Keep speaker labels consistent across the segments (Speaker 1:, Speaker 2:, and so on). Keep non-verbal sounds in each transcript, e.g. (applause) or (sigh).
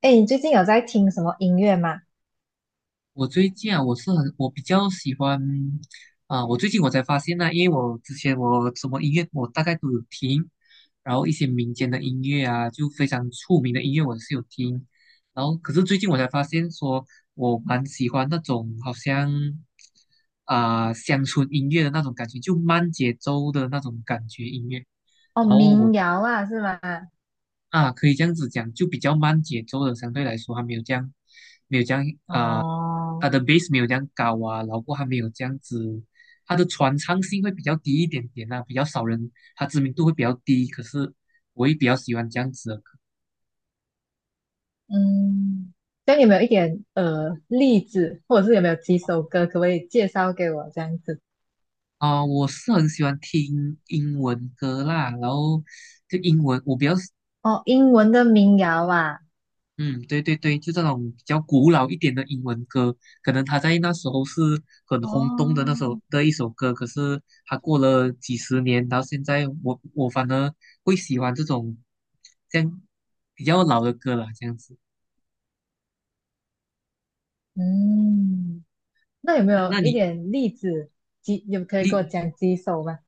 Speaker 1: 哎，你最近有在听什么音乐吗？
Speaker 2: 我最近啊，我是很，我比较喜欢。我最近我才发现呢，因为我之前我什么音乐我大概都有听，然后一些民间的音乐啊，就非常出名的音乐我是有听，然后可是最近我才发现说，我蛮喜欢那种好像乡村音乐的那种感觉，就慢节奏的那种感觉音乐。
Speaker 1: 哦，
Speaker 2: 然后我
Speaker 1: 民谣啊，是吗？
Speaker 2: 啊可以这样子讲，就比较慢节奏的，相对来说还没有这样，没有这样。它
Speaker 1: 哦，
Speaker 2: 的 base 没有这样高啊，然后还没有这样子，它的传唱性会比较低一点点啊，比较少人，它知名度会比较低。可是我也比较喜欢这样子的歌。
Speaker 1: 嗯，这样有没有一点例子，或者是有没有几首歌，可不可以介绍给我这样子？
Speaker 2: 我是很喜欢听英文歌啦，然后就英文，我比较
Speaker 1: 哦，英文的民谣啊，
Speaker 2: 嗯，对对对，就这种比较古老一点的英文歌，可能他在那时候是很轰动的那
Speaker 1: 哦，
Speaker 2: 首的一首歌，可是他过了几十年，到现在我反而会喜欢这种这样比较老的歌了，这样子。
Speaker 1: 嗯，那有没
Speaker 2: 那
Speaker 1: 有
Speaker 2: 那
Speaker 1: 一
Speaker 2: 你
Speaker 1: 点例子，有可以给我
Speaker 2: 你
Speaker 1: 讲几首吗？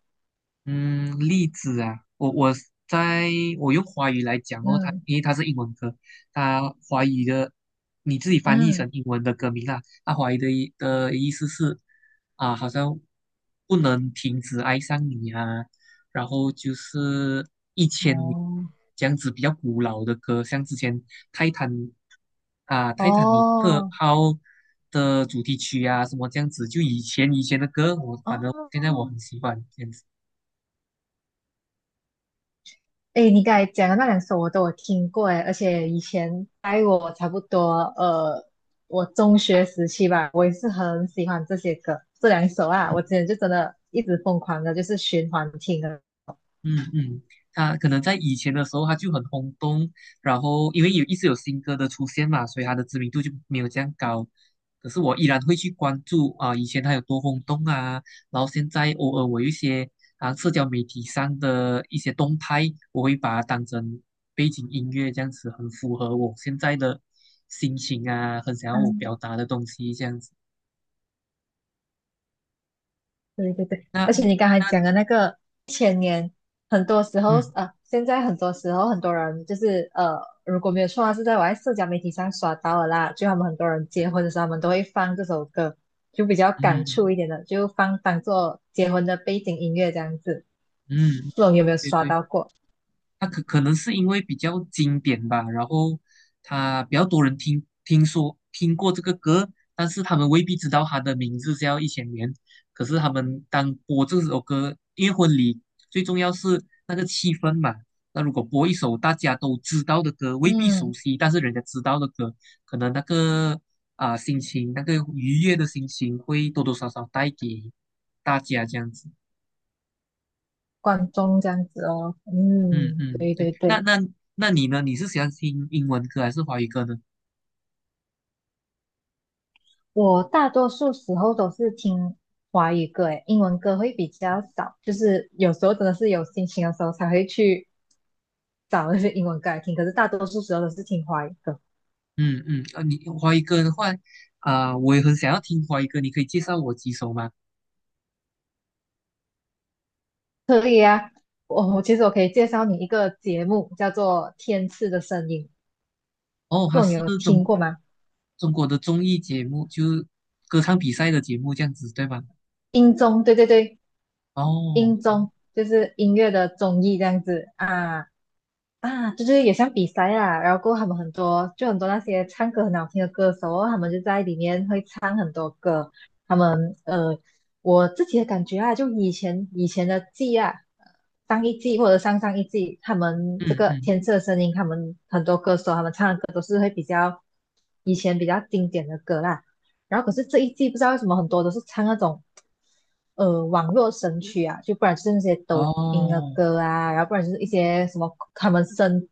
Speaker 2: 嗯，例子啊，在我用华语来讲哦，它
Speaker 1: 嗯
Speaker 2: 因为它是英文歌，它华语的你自己翻译
Speaker 1: 嗯，
Speaker 2: 成英文的歌名啦，它华语的意思是啊，好像不能停止爱上你啊，然后就是一千年，
Speaker 1: 哦
Speaker 2: 这样子比较古老的歌，像之前泰坦泰坦尼克
Speaker 1: 哦
Speaker 2: 号的主题曲啊什么这样子，就以前的歌，我反正现在我
Speaker 1: 哦，
Speaker 2: 很喜欢这样子。
Speaker 1: 哎，你刚才讲的那两首我都有听过哎，而且以前在我差不多呃，我中学时期吧，我也是很喜欢这些歌，这两首啊，我之前就真的一直疯狂的，就是循环听的。
Speaker 2: 嗯嗯，他可能在以前的时候他就很轰动，然后因为有一直有新歌的出现嘛，所以他的知名度就没有这样高。可是我依然会去关注啊，以前他有多轰动啊，然后现在偶尔我有一些社交媒体上的一些动态，我会把它当成背景音乐这样子，很符合我现在的心情啊，很想要我表达的东西这样子。
Speaker 1: 对对对，
Speaker 2: 那
Speaker 1: 而且你刚才
Speaker 2: 那
Speaker 1: 讲的那个前年，很多时候
Speaker 2: 嗯
Speaker 1: 啊现在很多时候很多人就是如果没有错啊是在我在社交媒体上刷到的啦，就他们很多人结婚的
Speaker 2: 嗯
Speaker 1: 时候，他们都会放这首歌，就比较感触
Speaker 2: 嗯
Speaker 1: 一点的，就放当做结婚的背景音乐这样子。
Speaker 2: 嗯，
Speaker 1: 不懂有没有
Speaker 2: 对
Speaker 1: 刷
Speaker 2: 对。
Speaker 1: 到过？
Speaker 2: 他可能是因为比较经典吧，然后他比较多人听过这个歌，但是他们未必知道他的名字叫《一千年》。可是他们当播这首歌，因为婚礼最重要是那个气氛嘛。那如果播一首大家都知道的歌，未必熟
Speaker 1: 嗯，
Speaker 2: 悉，但是人家知道的歌，可能那个心情，那个愉悦的心情会多多少少带给大家这样子。
Speaker 1: 观众这样子哦。
Speaker 2: 嗯
Speaker 1: 嗯，
Speaker 2: 嗯，
Speaker 1: 对
Speaker 2: 对，
Speaker 1: 对对。
Speaker 2: 那你呢？你是喜欢听英文歌还是华语歌呢？
Speaker 1: 我大多数时候都是听华语歌，诶，英文歌会比较少，就是有时候真的是有心情的时候才会去找那些英文歌来听，可是大多数时候都是听华语歌。
Speaker 2: 嗯嗯，啊，你华语歌的话，我也很想要听华语歌，你可以介绍我几首吗？
Speaker 1: 我其实我可以介绍你一个节目，叫做《天赐的声音》，
Speaker 2: 哦，
Speaker 1: 不
Speaker 2: 它
Speaker 1: 知道你
Speaker 2: 是
Speaker 1: 有听过吗？
Speaker 2: 中国的综艺节目，就是歌唱比赛的节目这样子，对吗？
Speaker 1: 音综，对对对，
Speaker 2: 哦，
Speaker 1: 音综就是音乐的综艺这样子啊。啊，就是也像比赛啦，然后过后他们很多就很多那些唱歌很好听的歌手哦他们就在里面会唱很多歌。他们我自己的感觉啊，就以前的季啊，上一季或者上上一季，他们这
Speaker 2: 嗯
Speaker 1: 个
Speaker 2: 嗯，
Speaker 1: 天赐的声音，他们很多歌手他们唱的歌都是会比较以前比较经典的歌啦。然后可是这一季不知道为什么很多都是唱那种网络神曲啊，就不然就是那些抖音的
Speaker 2: 哦
Speaker 1: 歌啊，然后不然就是一些什么他们生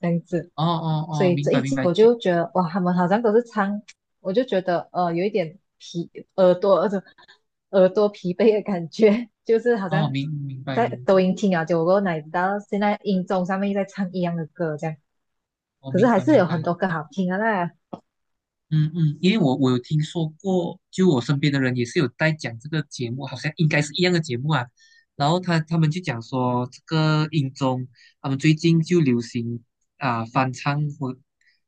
Speaker 1: 这样子。
Speaker 2: 哦哦
Speaker 1: 所
Speaker 2: 哦，
Speaker 1: 以
Speaker 2: 明
Speaker 1: 这
Speaker 2: 白
Speaker 1: 一
Speaker 2: 明
Speaker 1: 季
Speaker 2: 白，
Speaker 1: 我
Speaker 2: 就
Speaker 1: 就觉得哇，他们好像都是唱，我就觉得有一点疲耳朵耳朵 (laughs) 耳朵疲惫的感觉，就是好像
Speaker 2: 哦明白
Speaker 1: 在
Speaker 2: 明白，
Speaker 1: 抖音听啊，结果哪知道现在音综上面又在唱一样的歌这样，
Speaker 2: 哦
Speaker 1: 可是
Speaker 2: 明
Speaker 1: 还
Speaker 2: 白
Speaker 1: 是
Speaker 2: 明
Speaker 1: 有很
Speaker 2: 白。
Speaker 1: 多歌好听啊那。
Speaker 2: 嗯嗯，因为我有听说过，就我身边的人也是有在讲这个节目，好像应该是一样的节目啊。然后他们就讲说，这个音综他们最近就流行翻唱或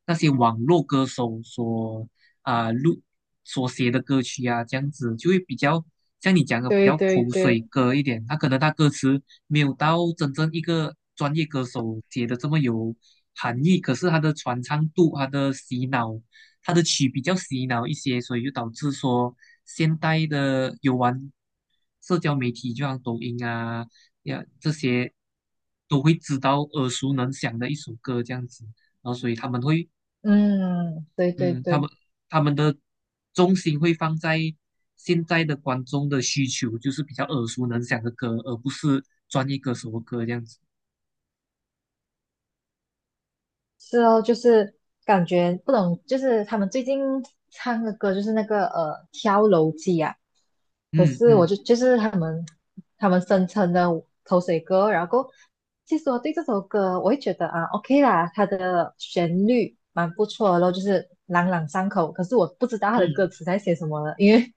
Speaker 2: 那些网络歌手所啊、录所写的歌曲啊，这样子就会比较像你讲的比
Speaker 1: 对
Speaker 2: 较
Speaker 1: 对
Speaker 2: 口水
Speaker 1: 对，
Speaker 2: 歌一点。他可能他歌词没有到真正一个专业歌手写的这么有含义，可是他的传唱度、他的洗脑。它的曲比较洗脑一些，所以就导致说现代的有玩社交媒体，就像抖音啊呀这些，都会知道耳熟能详的一首歌这样子，然后所以他们会，
Speaker 1: 嗯，对对
Speaker 2: 嗯，
Speaker 1: 对。
Speaker 2: 他们的重心会放在现在的观众的需求，就是比较耳熟能详的歌，而不是专业歌手的歌这样子。
Speaker 1: 是哦，就是感觉不懂，就是他们最近唱的歌就是那个《跳楼机》啊，可
Speaker 2: 嗯
Speaker 1: 是我
Speaker 2: 嗯
Speaker 1: 就是他们声称的口水歌，然后其实我对这首歌我会觉得啊 OK 啦，它的旋律蛮不错的咯，就是朗朗上口，可是我不知道它的
Speaker 2: 嗯，
Speaker 1: 歌词在写什么了，因为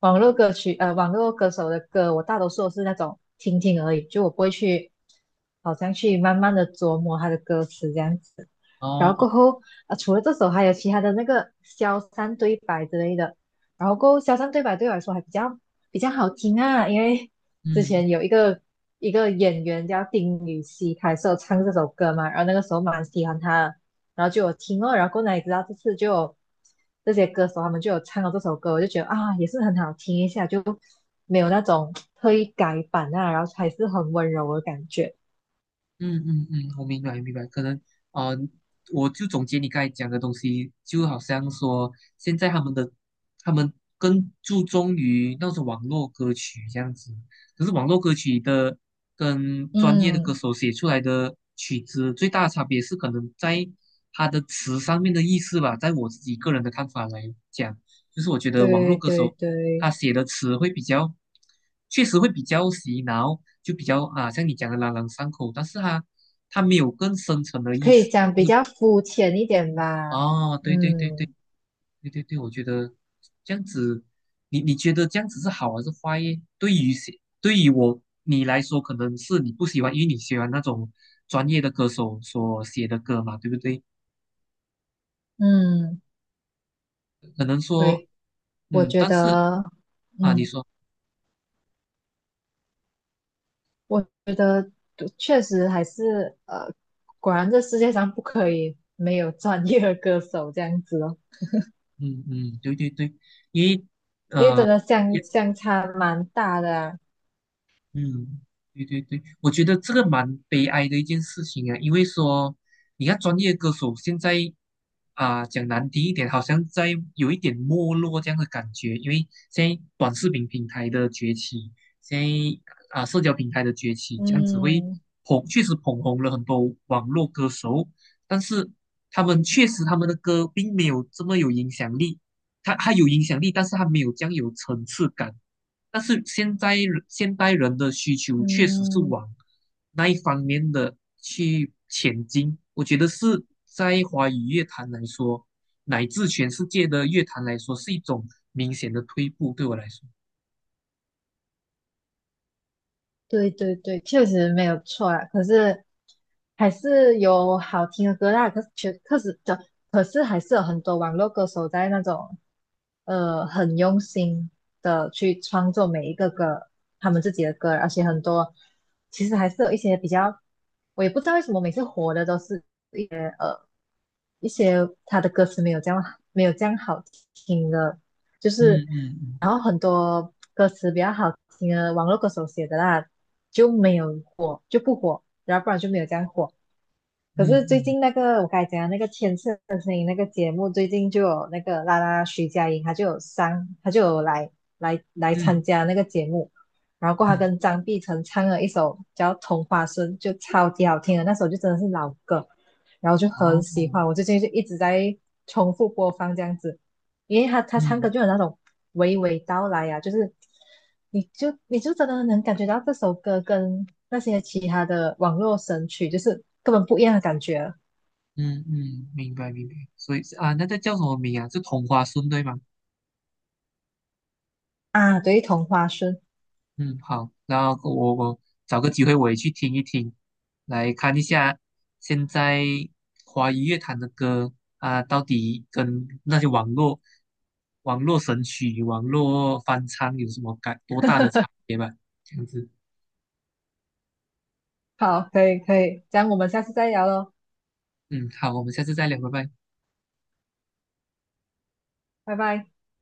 Speaker 1: 网络歌曲，网络歌手的歌，我大多数都是那种听听而已，就我不会去，好像去慢慢的琢磨他的歌词这样子。然
Speaker 2: 哦，
Speaker 1: 后
Speaker 2: 哦
Speaker 1: 过后，啊，除了这首，还有其他的那个消散对白之类的。然后过后，消散对白对我来说还比较好听啊，因为之
Speaker 2: 嗯。
Speaker 1: 前有一个演员叫丁禹兮，他也是有唱这首歌嘛，然后那个时候蛮喜欢他的，然后就有听哦，然后过来也知道这次就有这些歌手他们就有唱了这首歌，我就觉得啊也是很好听一下，就没有那种特意改版啊，然后还是很温柔的感觉。
Speaker 2: 嗯嗯嗯，我明白明白，可能呃，我就总结你刚才讲的东西，就好像说现在他们更注重于那种网络歌曲这样子，可是网络歌曲的跟专业的歌
Speaker 1: 嗯，
Speaker 2: 手写出来的曲子最大的差别是可能在他的词上面的意思吧，在我自己个人的看法来讲，就是我觉得网络
Speaker 1: 对
Speaker 2: 歌
Speaker 1: 对
Speaker 2: 手他
Speaker 1: 对，
Speaker 2: 写的词会比较，确实会比较洗脑，就比较啊，像你讲的朗朗上口，但是他没有更深层的意
Speaker 1: 可以
Speaker 2: 思。
Speaker 1: 讲比较肤浅一点吧。
Speaker 2: 哦，对对对对
Speaker 1: 嗯
Speaker 2: 对对对，我觉得这样子，你觉得这样子是好还是坏耶？对于谁，对于我你来说，可能是你不喜欢，因为你喜欢那种专业的歌手所写的歌嘛，对不对？
Speaker 1: 嗯，
Speaker 2: 可能说，
Speaker 1: 对，我
Speaker 2: 嗯，
Speaker 1: 觉
Speaker 2: 但是
Speaker 1: 得，
Speaker 2: 啊，你
Speaker 1: 嗯，
Speaker 2: 说，
Speaker 1: 我觉得确实还是果然这世界上不可以没有专业的歌手这样子哦。
Speaker 2: 嗯嗯，对对对，因为。
Speaker 1: 因为真的相差蛮大的啊。
Speaker 2: 嗯，对对对，我觉得这个蛮悲哀的一件事情啊，因为说你看专业歌手现在讲难听一点，好像在有一点没落这样的感觉，因为现在短视频平台的崛起，现在社交平台的崛起，这样子会
Speaker 1: 嗯
Speaker 2: 确实捧红了很多网络歌手，但是他们确实他们的歌并没有这么有影响力，他有影响力，但是他没有这样有层次感。但是现在现代人的需求确实是
Speaker 1: 嗯，
Speaker 2: 往那一方面的去前进。我觉得是在华语乐坛来说，乃至全世界的乐坛来说，是一种明显的退步。对我来说，
Speaker 1: 对对对，确实没有错啦。可是还是有好听的歌啦，可是确可是的，可是还是有很多网络歌手在那种很用心的去创作每一个歌，他们自己的歌，而且很多其实还是有一些比较，我也不知道为什么每次火的都是一些他的歌词没有这样好听的，就是
Speaker 2: 嗯嗯嗯
Speaker 1: 然后很多歌词比较好听的网络歌手写的啦，就没有火就不火，然后不然就没有这样火。
Speaker 2: 嗯
Speaker 1: 可是最
Speaker 2: 嗯
Speaker 1: 近那个我刚才讲的那个天赐的声音那个节目，最近就有那个啦徐佳莹，她就有上，她就有来参
Speaker 2: 嗯
Speaker 1: 加那个节目，然后过后她
Speaker 2: 嗯，
Speaker 1: 跟张碧晨唱了一首叫《同花顺》，就超级好听的，那首就真的是老歌，然后就很
Speaker 2: 哦，
Speaker 1: 喜欢，我最近就一直在重复播放这样子。因为他唱歌
Speaker 2: 嗯
Speaker 1: 就有那种娓娓道来啊，就是你就真的能感觉到这首歌跟那些其他的网络神曲就是根本不一样的感觉啊。
Speaker 2: 嗯嗯，明白明白。所以啊，那个叫什么名啊？是同花顺对吗？
Speaker 1: 啊对，同花顺，
Speaker 2: 嗯，好，然后我找个机会我也去听一听，来看一下现在华语乐坛的歌啊，到底跟那些网络神曲、网络翻唱有什么多大的差别吧？这样子，
Speaker 1: 好，可以可以，这样我们下次再聊喽，
Speaker 2: 嗯，好，我们下次再聊，拜拜。
Speaker 1: 拜拜。